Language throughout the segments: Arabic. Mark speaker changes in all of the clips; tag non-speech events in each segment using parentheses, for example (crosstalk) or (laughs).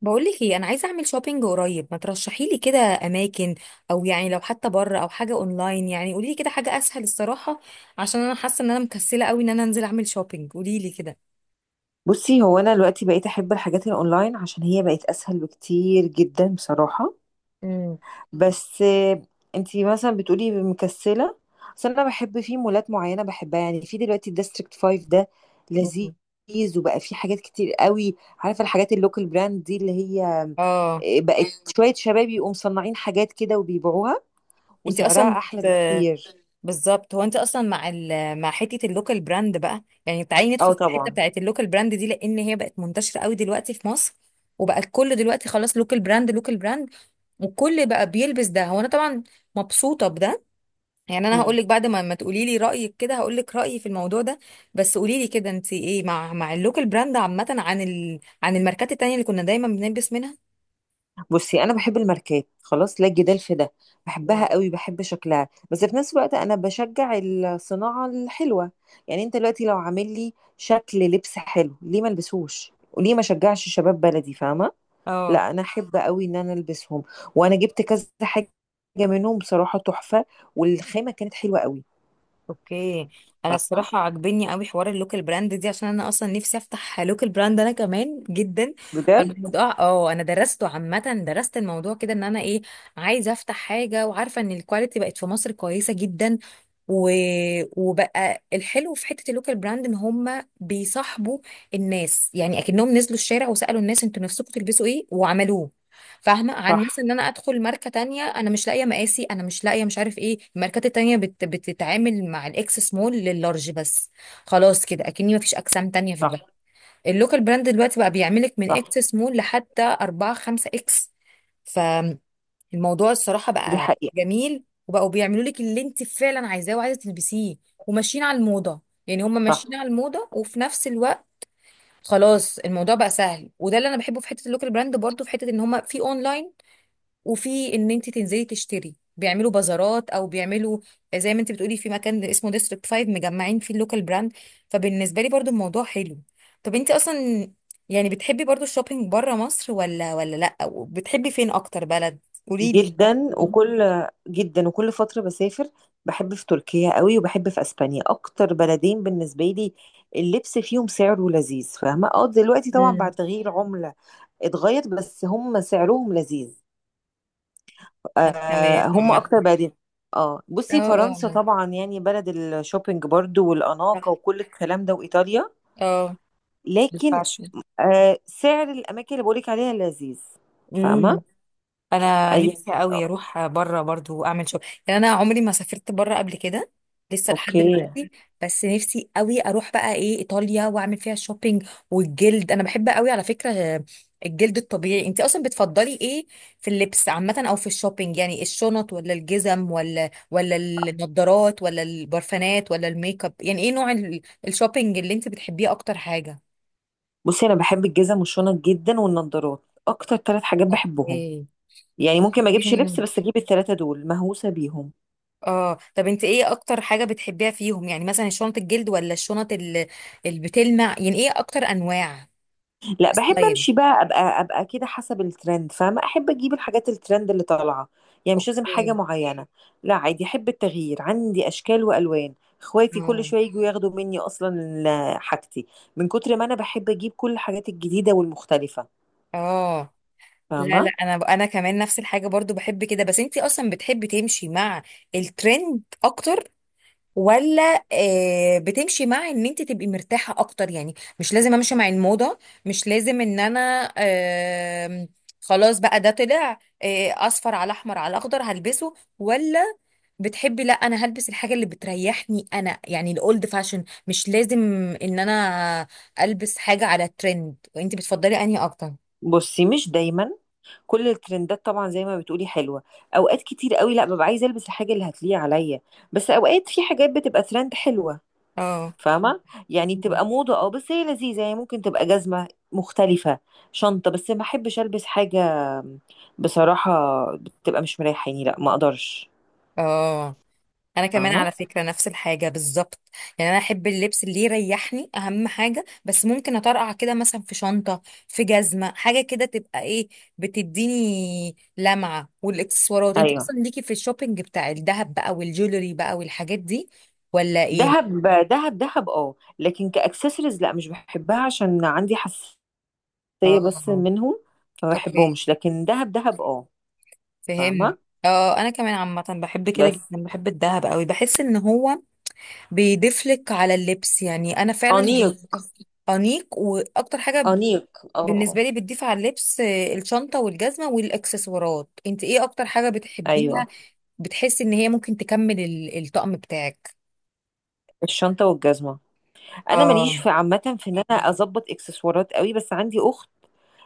Speaker 1: بقولك ايه، انا عايزه اعمل شوبينج قريب، ما ترشحي لي كده اماكن؟ او يعني لو حتى بره او حاجه اونلاين، يعني قولي لي كده حاجه اسهل الصراحه. عشان انا حاسه ان انا مكسله قوي ان انا انزل اعمل شوبينج، قولي لي كده.
Speaker 2: بصي، هو انا دلوقتي بقيت احب الحاجات الاونلاين عشان هي بقت اسهل بكتير جدا بصراحه.
Speaker 1: مم.
Speaker 2: بس انتي مثلا بتقولي مكسله. بس انا بحب في مولات معينه بحبها، يعني في دلوقتي الديستريكت 5 ده
Speaker 1: مم.
Speaker 2: لذيذ، وبقى في حاجات كتير قوي، عارفه الحاجات اللوكال براند دي اللي هي،
Speaker 1: اه،
Speaker 2: بقت شويه شباب يقوموا مصنعين حاجات كده وبيبيعوها،
Speaker 1: انت اصلا
Speaker 2: وسعرها احلى
Speaker 1: بت...
Speaker 2: بكتير.
Speaker 1: بالظبط هو انت اصلا مع مع حته اللوكال براند بقى، يعني تعالي ندخل
Speaker 2: اه
Speaker 1: في الحته
Speaker 2: طبعا.
Speaker 1: بتاعت اللوكال براند دي، لان هي بقت منتشره قوي دلوقتي في مصر. وبقى الكل دلوقتي خلاص لوكال براند لوكال براند، والكل بقى بيلبس ده. هو انا طبعا مبسوطه بده، يعني انا هقول
Speaker 2: مم.
Speaker 1: لك بعد ما تقولي لي رايك كده هقول لك رايي في الموضوع ده. بس قولي لي كده، انت ايه مع اللوكال براند عامه، عن عن الماركات التانية اللي كنا دايما بنلبس منها؟
Speaker 2: بصي انا بحب الماركات، خلاص لا جدال في ده،
Speaker 1: مم.
Speaker 2: بحبها قوي، بحب شكلها، بس في نفس الوقت انا بشجع الصناعه الحلوه. يعني انت دلوقتي لو عامل لي شكل لبس حلو، ليه ما البسوش وليه ما شجعش شباب بلدي؟ فاهمه.
Speaker 1: اه.
Speaker 2: لا انا احب قوي ان انا البسهم، وانا جبت كذا حاجه منهم بصراحه تحفه، والخامه كانت حلوه قوي.
Speaker 1: اوكي، انا
Speaker 2: فاهمه،
Speaker 1: الصراحه عاجبني قوي حوار اللوكال براند دي، عشان انا اصلا نفسي افتح لوكال براند انا كمان جدا.
Speaker 2: بجد.
Speaker 1: فالموضوع اه انا درسته عامه، درست الموضوع كده ان انا ايه، عايزه افتح حاجه، وعارفه ان الكواليتي بقت في مصر كويسه جدا. و... وبقى الحلو في حته اللوكال براند ان هم بيصاحبوا الناس، يعني اكنهم نزلوا الشارع وسالوا الناس انتوا نفسكم تلبسوا ايه وعملوه. فاهمه؟ عن مثلا
Speaker 2: صح،
Speaker 1: ان انا ادخل ماركه تانية انا مش لاقيه مقاسي، انا مش لاقيه، مش عارف ايه، الماركات التانية بتتعامل مع الاكس سمول لللارج بس. خلاص كده اكني مفيش اجسام تانية في
Speaker 2: صح،
Speaker 1: البلد. اللوكال براند دلوقتي بقى بيعملك من
Speaker 2: صح،
Speaker 1: اكس سمول لحتى 4 5 اكس. فالموضوع الصراحه
Speaker 2: دي
Speaker 1: بقى
Speaker 2: حقيقه.
Speaker 1: جميل، وبقوا بيعملوا لك اللي انت فعلا عايزاه وعايزه تلبسيه. وماشيين على الموضه، يعني هم
Speaker 2: صح
Speaker 1: ماشيين على الموضه وفي نفس الوقت خلاص الموضوع بقى سهل. وده اللي انا بحبه في حته اللوكال براند برضو، في حته ان هم في اونلاين، وفي ان انت تنزلي تشتري بيعملوا بازارات، او بيعملوا زي ما انت بتقولي في مكان اسمه ديستريكت 5 مجمعين فيه اللوكال براند. فبالنسبه لي برضو الموضوع حلو. طب انت اصلا يعني بتحبي برضو الشوبينج بره مصر ولا، لا، وبتحبي فين اكتر بلد؟ قولي لي كده.
Speaker 2: جدا. وكل جدا وكل فترة بسافر. بحب في تركيا قوي، وبحب في اسبانيا، اكتر بلدين بالنسبة لي. اللبس فيهم سعره لذيذ، فاهمة، اه دلوقتي طبعا بعد
Speaker 1: مم.
Speaker 2: تغيير عملة اتغير، بس هم سعرهم لذيذ.
Speaker 1: أنا كمان
Speaker 2: هم
Speaker 1: عامة.
Speaker 2: اكتر بلدين. اه
Speaker 1: اه،
Speaker 2: بصي،
Speaker 1: اه،
Speaker 2: فرنسا
Speaker 1: آه.
Speaker 2: طبعا يعني بلد الشوبينج برضو،
Speaker 1: صح.
Speaker 2: والاناقة وكل الكلام ده، وايطاليا.
Speaker 1: اه،
Speaker 2: لكن
Speaker 1: الفاشن.
Speaker 2: سعر الاماكن اللي بقولك عليها لذيذ. فاهمة،
Speaker 1: انا
Speaker 2: اي،
Speaker 1: نفسي
Speaker 2: آه،
Speaker 1: قوي اروح بره برضو اعمل شغل، يعني انا عمري ما سافرت بره قبل كده لسه لحد
Speaker 2: اوكي.
Speaker 1: دلوقتي. بس نفسي قوي اروح بقى ايه، ايطاليا، واعمل فيها شوبينج. والجلد انا بحب قوي على فكرة، الجلد الطبيعي. انت اصلا بتفضلي ايه في اللبس عامة او في الشوبينج؟ يعني الشنط ولا الجزم ولا، ولا النضارات ولا البرفانات ولا الميك اب، يعني ايه نوع الشوبينج اللي انت بتحبيه اكتر حاجة؟
Speaker 2: بصي انا بحب الجزم والشنط جدا والنضارات، اكتر ثلاث حاجات بحبهم.
Speaker 1: اوكي.
Speaker 2: يعني ممكن ما اجيبش لبس بس اجيب الثلاثه دول، مهووسه بيهم.
Speaker 1: اه، طب انت ايه اكتر حاجة بتحبيها فيهم؟ يعني مثلا شنط الجلد ولا الشنط اللي بتلمع، يعني ايه اكتر انواع
Speaker 2: لا، بحب
Speaker 1: ستايل؟
Speaker 2: امشي بقى ابقى كده حسب الترند، فاهمه، احب اجيب الحاجات الترند اللي طالعه. يعني مش لازم حاجه
Speaker 1: اوكي.
Speaker 2: معينه. لا، عادي، احب التغيير، عندي اشكال والوان. اخواتي كل
Speaker 1: اه،
Speaker 2: شويه يجوا ياخدوا مني، اصلا (hesitation) حاجتي من كتر ما انا بحب اجيب كل الحاجات الجديده والمختلفه.
Speaker 1: اه. لا
Speaker 2: فاهمه.
Speaker 1: لا انا كمان نفس الحاجة برضو، بحب كده. بس انت اصلا بتحبي تمشي مع الترند اكتر، ولا بتمشي مع ان انت تبقي مرتاحة اكتر؟ يعني مش لازم امشي مع الموضة، مش لازم ان انا خلاص بقى ده طلع اصفر على احمر على اخضر هلبسه، ولا بتحبي، لا انا هلبس الحاجه اللي بتريحني انا، يعني الاولد فاشن، مش لازم ان انا البس حاجه على الترند؟ وانت بتفضلي انهي اكتر؟
Speaker 2: بصي، مش دايما كل الترندات طبعا زي ما بتقولي حلوه. اوقات كتير قوي لا، ببقى عايزه البس الحاجه اللي هتليق عليا. بس اوقات في حاجات بتبقى ترند حلوه،
Speaker 1: اه.
Speaker 2: فاهمه، يعني
Speaker 1: مم.
Speaker 2: بتبقى موضه، اه، بس هي لذيذه، يعني ممكن تبقى جزمه مختلفه، شنطه. بس ما احبش البس حاجه بصراحه بتبقى مش مريحاني، لا ما اقدرش.
Speaker 1: اه، انا كمان
Speaker 2: فاهمه.
Speaker 1: على فكره نفس الحاجه بالظبط. يعني انا احب اللبس اللي يريحني اهم حاجه، بس ممكن اطرقع كده مثلا في شنطه، في جزمه، حاجه كده تبقى ايه، بتديني لمعه. والاكسسوارات انت
Speaker 2: ايوه.
Speaker 1: اصلا ليكي في الشوبينج بتاع الذهب بقى والجولري بقى والحاجات دي، ولا ايه؟
Speaker 2: دهب، دهب دهب اه، لكن كاكسسوارز لا، مش بحبها عشان عندي حساسيه بس
Speaker 1: اه.
Speaker 2: منهم، فما
Speaker 1: اوكي،
Speaker 2: بحبهمش. لكن دهب دهب اه.
Speaker 1: فهمت.
Speaker 2: فاهمه.
Speaker 1: اه، انا كمان عامه بحب كده
Speaker 2: بس
Speaker 1: جدا، بحب الذهب قوي، بحس ان هو بيضيف لك على اللبس. يعني انا فعلا دي
Speaker 2: انيق،
Speaker 1: أكتر- انيق واكتر حاجه
Speaker 2: انيق اه. آه.
Speaker 1: بالنسبه لي، بتضيف على اللبس. الشنطه والجزمه والاكسسوارات، انت ايه اكتر حاجه بتحبيها،
Speaker 2: ايوه.
Speaker 1: بتحسي ان هي ممكن تكمل الطقم بتاعك؟
Speaker 2: الشنطه والجزمه. انا ماليش
Speaker 1: اه.
Speaker 2: في عامه في ان انا اظبط اكسسوارات قوي، بس عندي اخت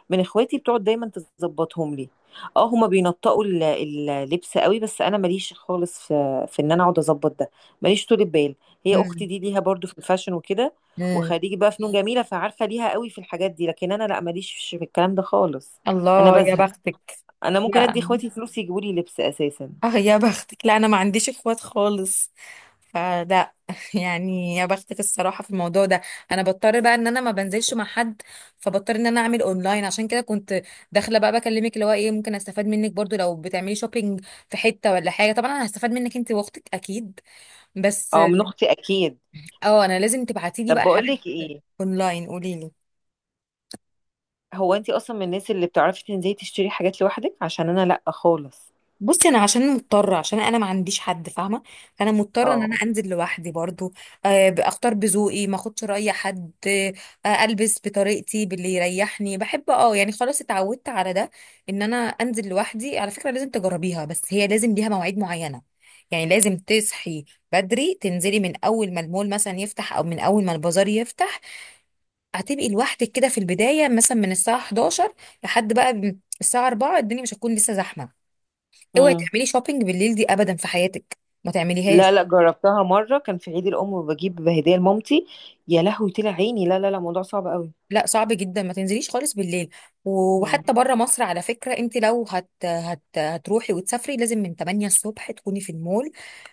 Speaker 2: من اخواتي بتقعد دايما تظبطهم لي. اه، هما بينطقوا اللبس قوي، بس انا ماليش خالص في ان انا اقعد اظبط ده، ماليش طول بال. هي اختي
Speaker 1: امم.
Speaker 2: دي ليها برضو في الفاشن وكده،
Speaker 1: امم.
Speaker 2: وخريجه بقى فنون جميله، فعارفه ليها قوي في الحاجات دي، لكن انا لا، ماليش في الكلام ده خالص. انا
Speaker 1: الله يا
Speaker 2: بزهق.
Speaker 1: بختك.
Speaker 2: انا ممكن ادي
Speaker 1: لا.
Speaker 2: اخواتي فلوس يجيبوا لي لبس اساسا.
Speaker 1: اه يا بختك، لا انا ما عنديش اخوات خالص، فلا (laughs) يعني يا بختك الصراحه في الموضوع ده. انا بضطر بقى ان انا ما بنزلش مع حد، فبضطر ان انا اعمل اونلاين، عشان كده كنت داخله بقى بكلمك، اللي هو ايه، ممكن استفاد منك برضو لو بتعملي شوبينج في حته ولا حاجه. طبعا انا هستفاد منك انت واختك اكيد، بس
Speaker 2: اه، من اختي اكيد.
Speaker 1: اه انا لازم تبعتي لي
Speaker 2: طب
Speaker 1: بقى
Speaker 2: بقول
Speaker 1: حاجات
Speaker 2: لك ايه،
Speaker 1: اونلاين، قولي لي.
Speaker 2: هو انتي اصلا من الناس اللي بتعرفي تنزلي تشتري حاجات لوحدك؟ عشان انا لا خالص.
Speaker 1: بصي انا عشان مضطره، عشان انا ما عنديش حد فاهمه، فانا مضطره ان انا
Speaker 2: اه.
Speaker 1: انزل لوحدي برضو، اختار بذوقي، ما اخدش راي حد، البس بطريقتي باللي يريحني، بحب اه يعني، خلاص اتعودت على ده، ان انا انزل لوحدي. على فكره لازم تجربيها، بس هي لازم ليها مواعيد معينه. يعني لازم تصحي بدري، تنزلي من اول ما المول مثلا يفتح، او من اول ما البازار يفتح، هتبقي لوحدك كده في البدايه، مثلا من الساعه 11 لحد بقى الساعه 4، الدنيا مش هتكون لسه زحمه. اوعي
Speaker 2: امم.
Speaker 1: تعملي شوبينج بالليل دي ابدا في حياتك، ما
Speaker 2: لا
Speaker 1: تعمليهاش.
Speaker 2: لا، جربتها مره، كان في عيد الام وبجيب هديه لمامتي، يا لهوي طلع عيني، لا لا لا، موضوع صعب قوي.
Speaker 1: لا صعب جدا، ما تنزليش خالص بالليل.
Speaker 2: مم.
Speaker 1: وحتى بره مصر على فكره، انت لو هتروحي وتسافري، لازم من 8 الصبح تكوني في المول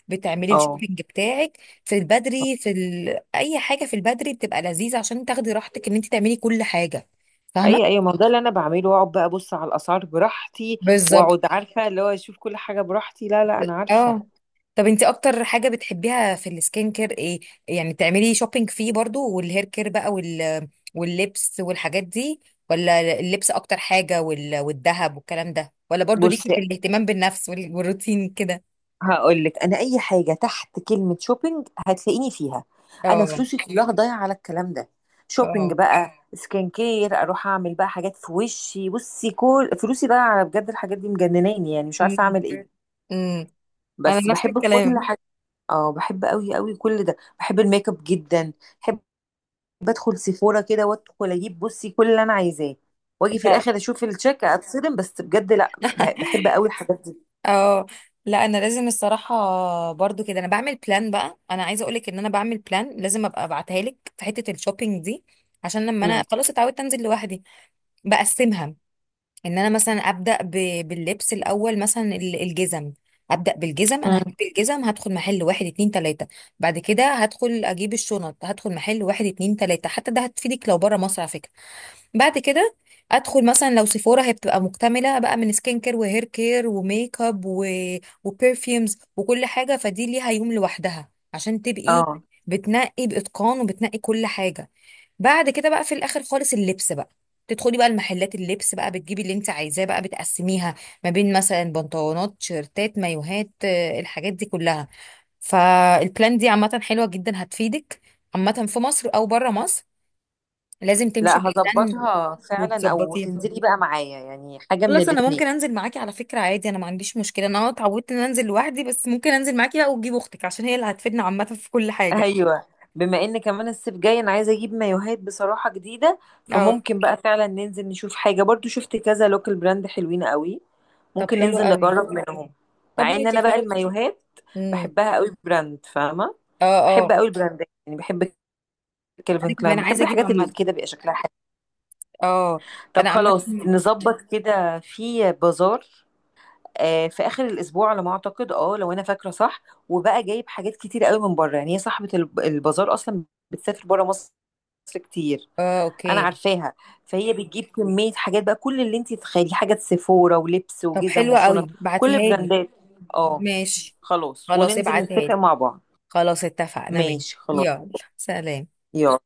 Speaker 1: بتعملي
Speaker 2: اه.
Speaker 1: الشوبينج بتاعك. في البدري، في اي حاجه في البدري بتبقى لذيذه، عشان تاخدي راحتك ان انت تعملي كل حاجه.
Speaker 2: اي
Speaker 1: فاهمه؟
Speaker 2: اي، ما هو ده اللي انا بعمله، واقعد بقى ابص على الاسعار براحتي،
Speaker 1: بالظبط.
Speaker 2: واقعد عارفه اللي هو اشوف كل حاجه براحتي. لا لا انا عارفه.
Speaker 1: اه، طب انت اكتر حاجة بتحبيها في السكين كير ايه؟ يعني بتعملي شوبينج فيه برضو، والهير كير بقى، واللبس والحاجات دي، ولا اللبس اكتر حاجة، والذهب والكلام ده، ولا برضو
Speaker 2: بص،
Speaker 1: ليكي في الاهتمام بالنفس والروتين كده؟
Speaker 2: هقول لك، انا اي حاجه تحت كلمه شوبينج هتلاقيني فيها. انا
Speaker 1: اه،
Speaker 2: فلوسي كلها ضايعه على الكلام ده، شوبينج،
Speaker 1: اه.
Speaker 2: بقى سكين كير، اروح اعمل بقى حاجات في وشي. بصي كل فلوسي ضايعه على، بجد، الحاجات دي مجنناني، يعني مش عارفه
Speaker 1: امم.
Speaker 2: اعمل ايه،
Speaker 1: امم. انا
Speaker 2: بس
Speaker 1: نفس
Speaker 2: بحب كل
Speaker 1: الكلام.
Speaker 2: حاجه. اه، بحب قوي قوي كل ده، بحب الميك اب جدا. بحب ادخل سيفورا كده وادخل اجيب، بصي، كل اللي انا عايزاه، واجي في
Speaker 1: لا
Speaker 2: الاخر اشوف الشيك اتصدم، بس بجد لا بحب
Speaker 1: (laughs)
Speaker 2: قوي الحاجات دي.
Speaker 1: اه، لا انا لازم الصراحه، برضو كده انا بعمل بلان بقى، انا عايزه اقولك ان انا بعمل بلان، لازم ابقى ابعتها لك في حته الشوبينج دي، عشان لما
Speaker 2: امم.
Speaker 1: انا خلاص اتعودت انزل لوحدي بقسمها، ان انا مثلا ابدا باللبس الاول، مثلا الجزم، ابدا بالجزم، انا هجيب
Speaker 2: امم.
Speaker 1: الجزم، هدخل محل واحد اتنين تلاته. بعد كده هدخل اجيب الشنط، هدخل محل واحد اتنين تلاته، حتى ده هتفيدك لو بره مصر على فكره. بعد كده ادخل مثلا لو سيفورا، هي بتبقى مكتمله بقى من سكين كير وهير كير وميك اب وبرفيومز وكل حاجه، فدي ليها يوم لوحدها عشان تبقي
Speaker 2: اه.
Speaker 1: بتنقي باتقان، وبتنقي كل حاجه. بعد كده بقى في الاخر خالص اللبس بقى، تدخلي بقى المحلات اللبس بقى، بتجيبي اللي انت عايزاه بقى، بتقسميها ما بين مثلا بنطلونات، شيرتات، مايوهات، الحاجات دي كلها. فالبلان دي عامة حلوة جدا، هتفيدك عامة في مصر او بره مصر، لازم تمشي
Speaker 2: لا،
Speaker 1: بلان
Speaker 2: هظبطها فعلا، او
Speaker 1: وتظبطيه.
Speaker 2: تنزلي بقى معايا، يعني حاجه من
Speaker 1: خلاص انا
Speaker 2: الاتنين.
Speaker 1: ممكن انزل معاكي على فكرة عادي، انا ما عنديش مشكلة، انا اتعودت ان أنا انزل لوحدي، بس ممكن انزل معاكي بقى، وتجيب اختك عشان هي اللي هتفيدنا عامة في كل حاجة.
Speaker 2: ايوه، بما ان كمان الصيف جاي، انا عايزه اجيب مايوهات بصراحه جديده،
Speaker 1: (laughs) اه.
Speaker 2: فممكن بقى فعلا ننزل نشوف حاجه. برضو شفت كذا لوكال براند حلوين قوي،
Speaker 1: طب
Speaker 2: ممكن
Speaker 1: حلو
Speaker 2: ننزل
Speaker 1: قوي.
Speaker 2: نجرب منهم.
Speaker 1: طب
Speaker 2: مع ان
Speaker 1: ماشي
Speaker 2: انا بقى
Speaker 1: خلاص.
Speaker 2: المايوهات
Speaker 1: امم.
Speaker 2: بحبها قوي براند، فاهمه،
Speaker 1: اه،
Speaker 2: بحب
Speaker 1: اه،
Speaker 2: قوي البراندات، يعني بحب
Speaker 1: انا
Speaker 2: كيلفن
Speaker 1: كمان
Speaker 2: كلاين، بحب
Speaker 1: عايزه اجيب
Speaker 2: الحاجات
Speaker 1: عامه.
Speaker 2: اللي كده بيبقى شكلها حلو.
Speaker 1: اه،
Speaker 2: طب
Speaker 1: انا عامه.
Speaker 2: خلاص، نظبط كده في بازار في اخر الاسبوع على ما اعتقد، اه لو انا فاكره صح. وبقى جايب حاجات كتير قوي من بره، يعني هي صاحبه البازار اصلا بتسافر بره مصر كتير،
Speaker 1: اه.
Speaker 2: انا
Speaker 1: اوكي.
Speaker 2: عارفاها، فهي بتجيب كميه حاجات بقى، كل اللي انت تتخيليه، حاجات سيفورا ولبس
Speaker 1: طب
Speaker 2: وجزم
Speaker 1: حلوه قوي،
Speaker 2: وشنط، كل
Speaker 1: بعتيها لي.
Speaker 2: براندات. اه،
Speaker 1: ماشي.
Speaker 2: خلاص،
Speaker 1: خلاص
Speaker 2: وننزل
Speaker 1: ابعتها
Speaker 2: نتفق
Speaker 1: لي.
Speaker 2: مع بعض.
Speaker 1: خلاص اتفقنا، ماشي.
Speaker 2: ماشي خلاص.
Speaker 1: يلا، سلام.
Speaker 2: يلا.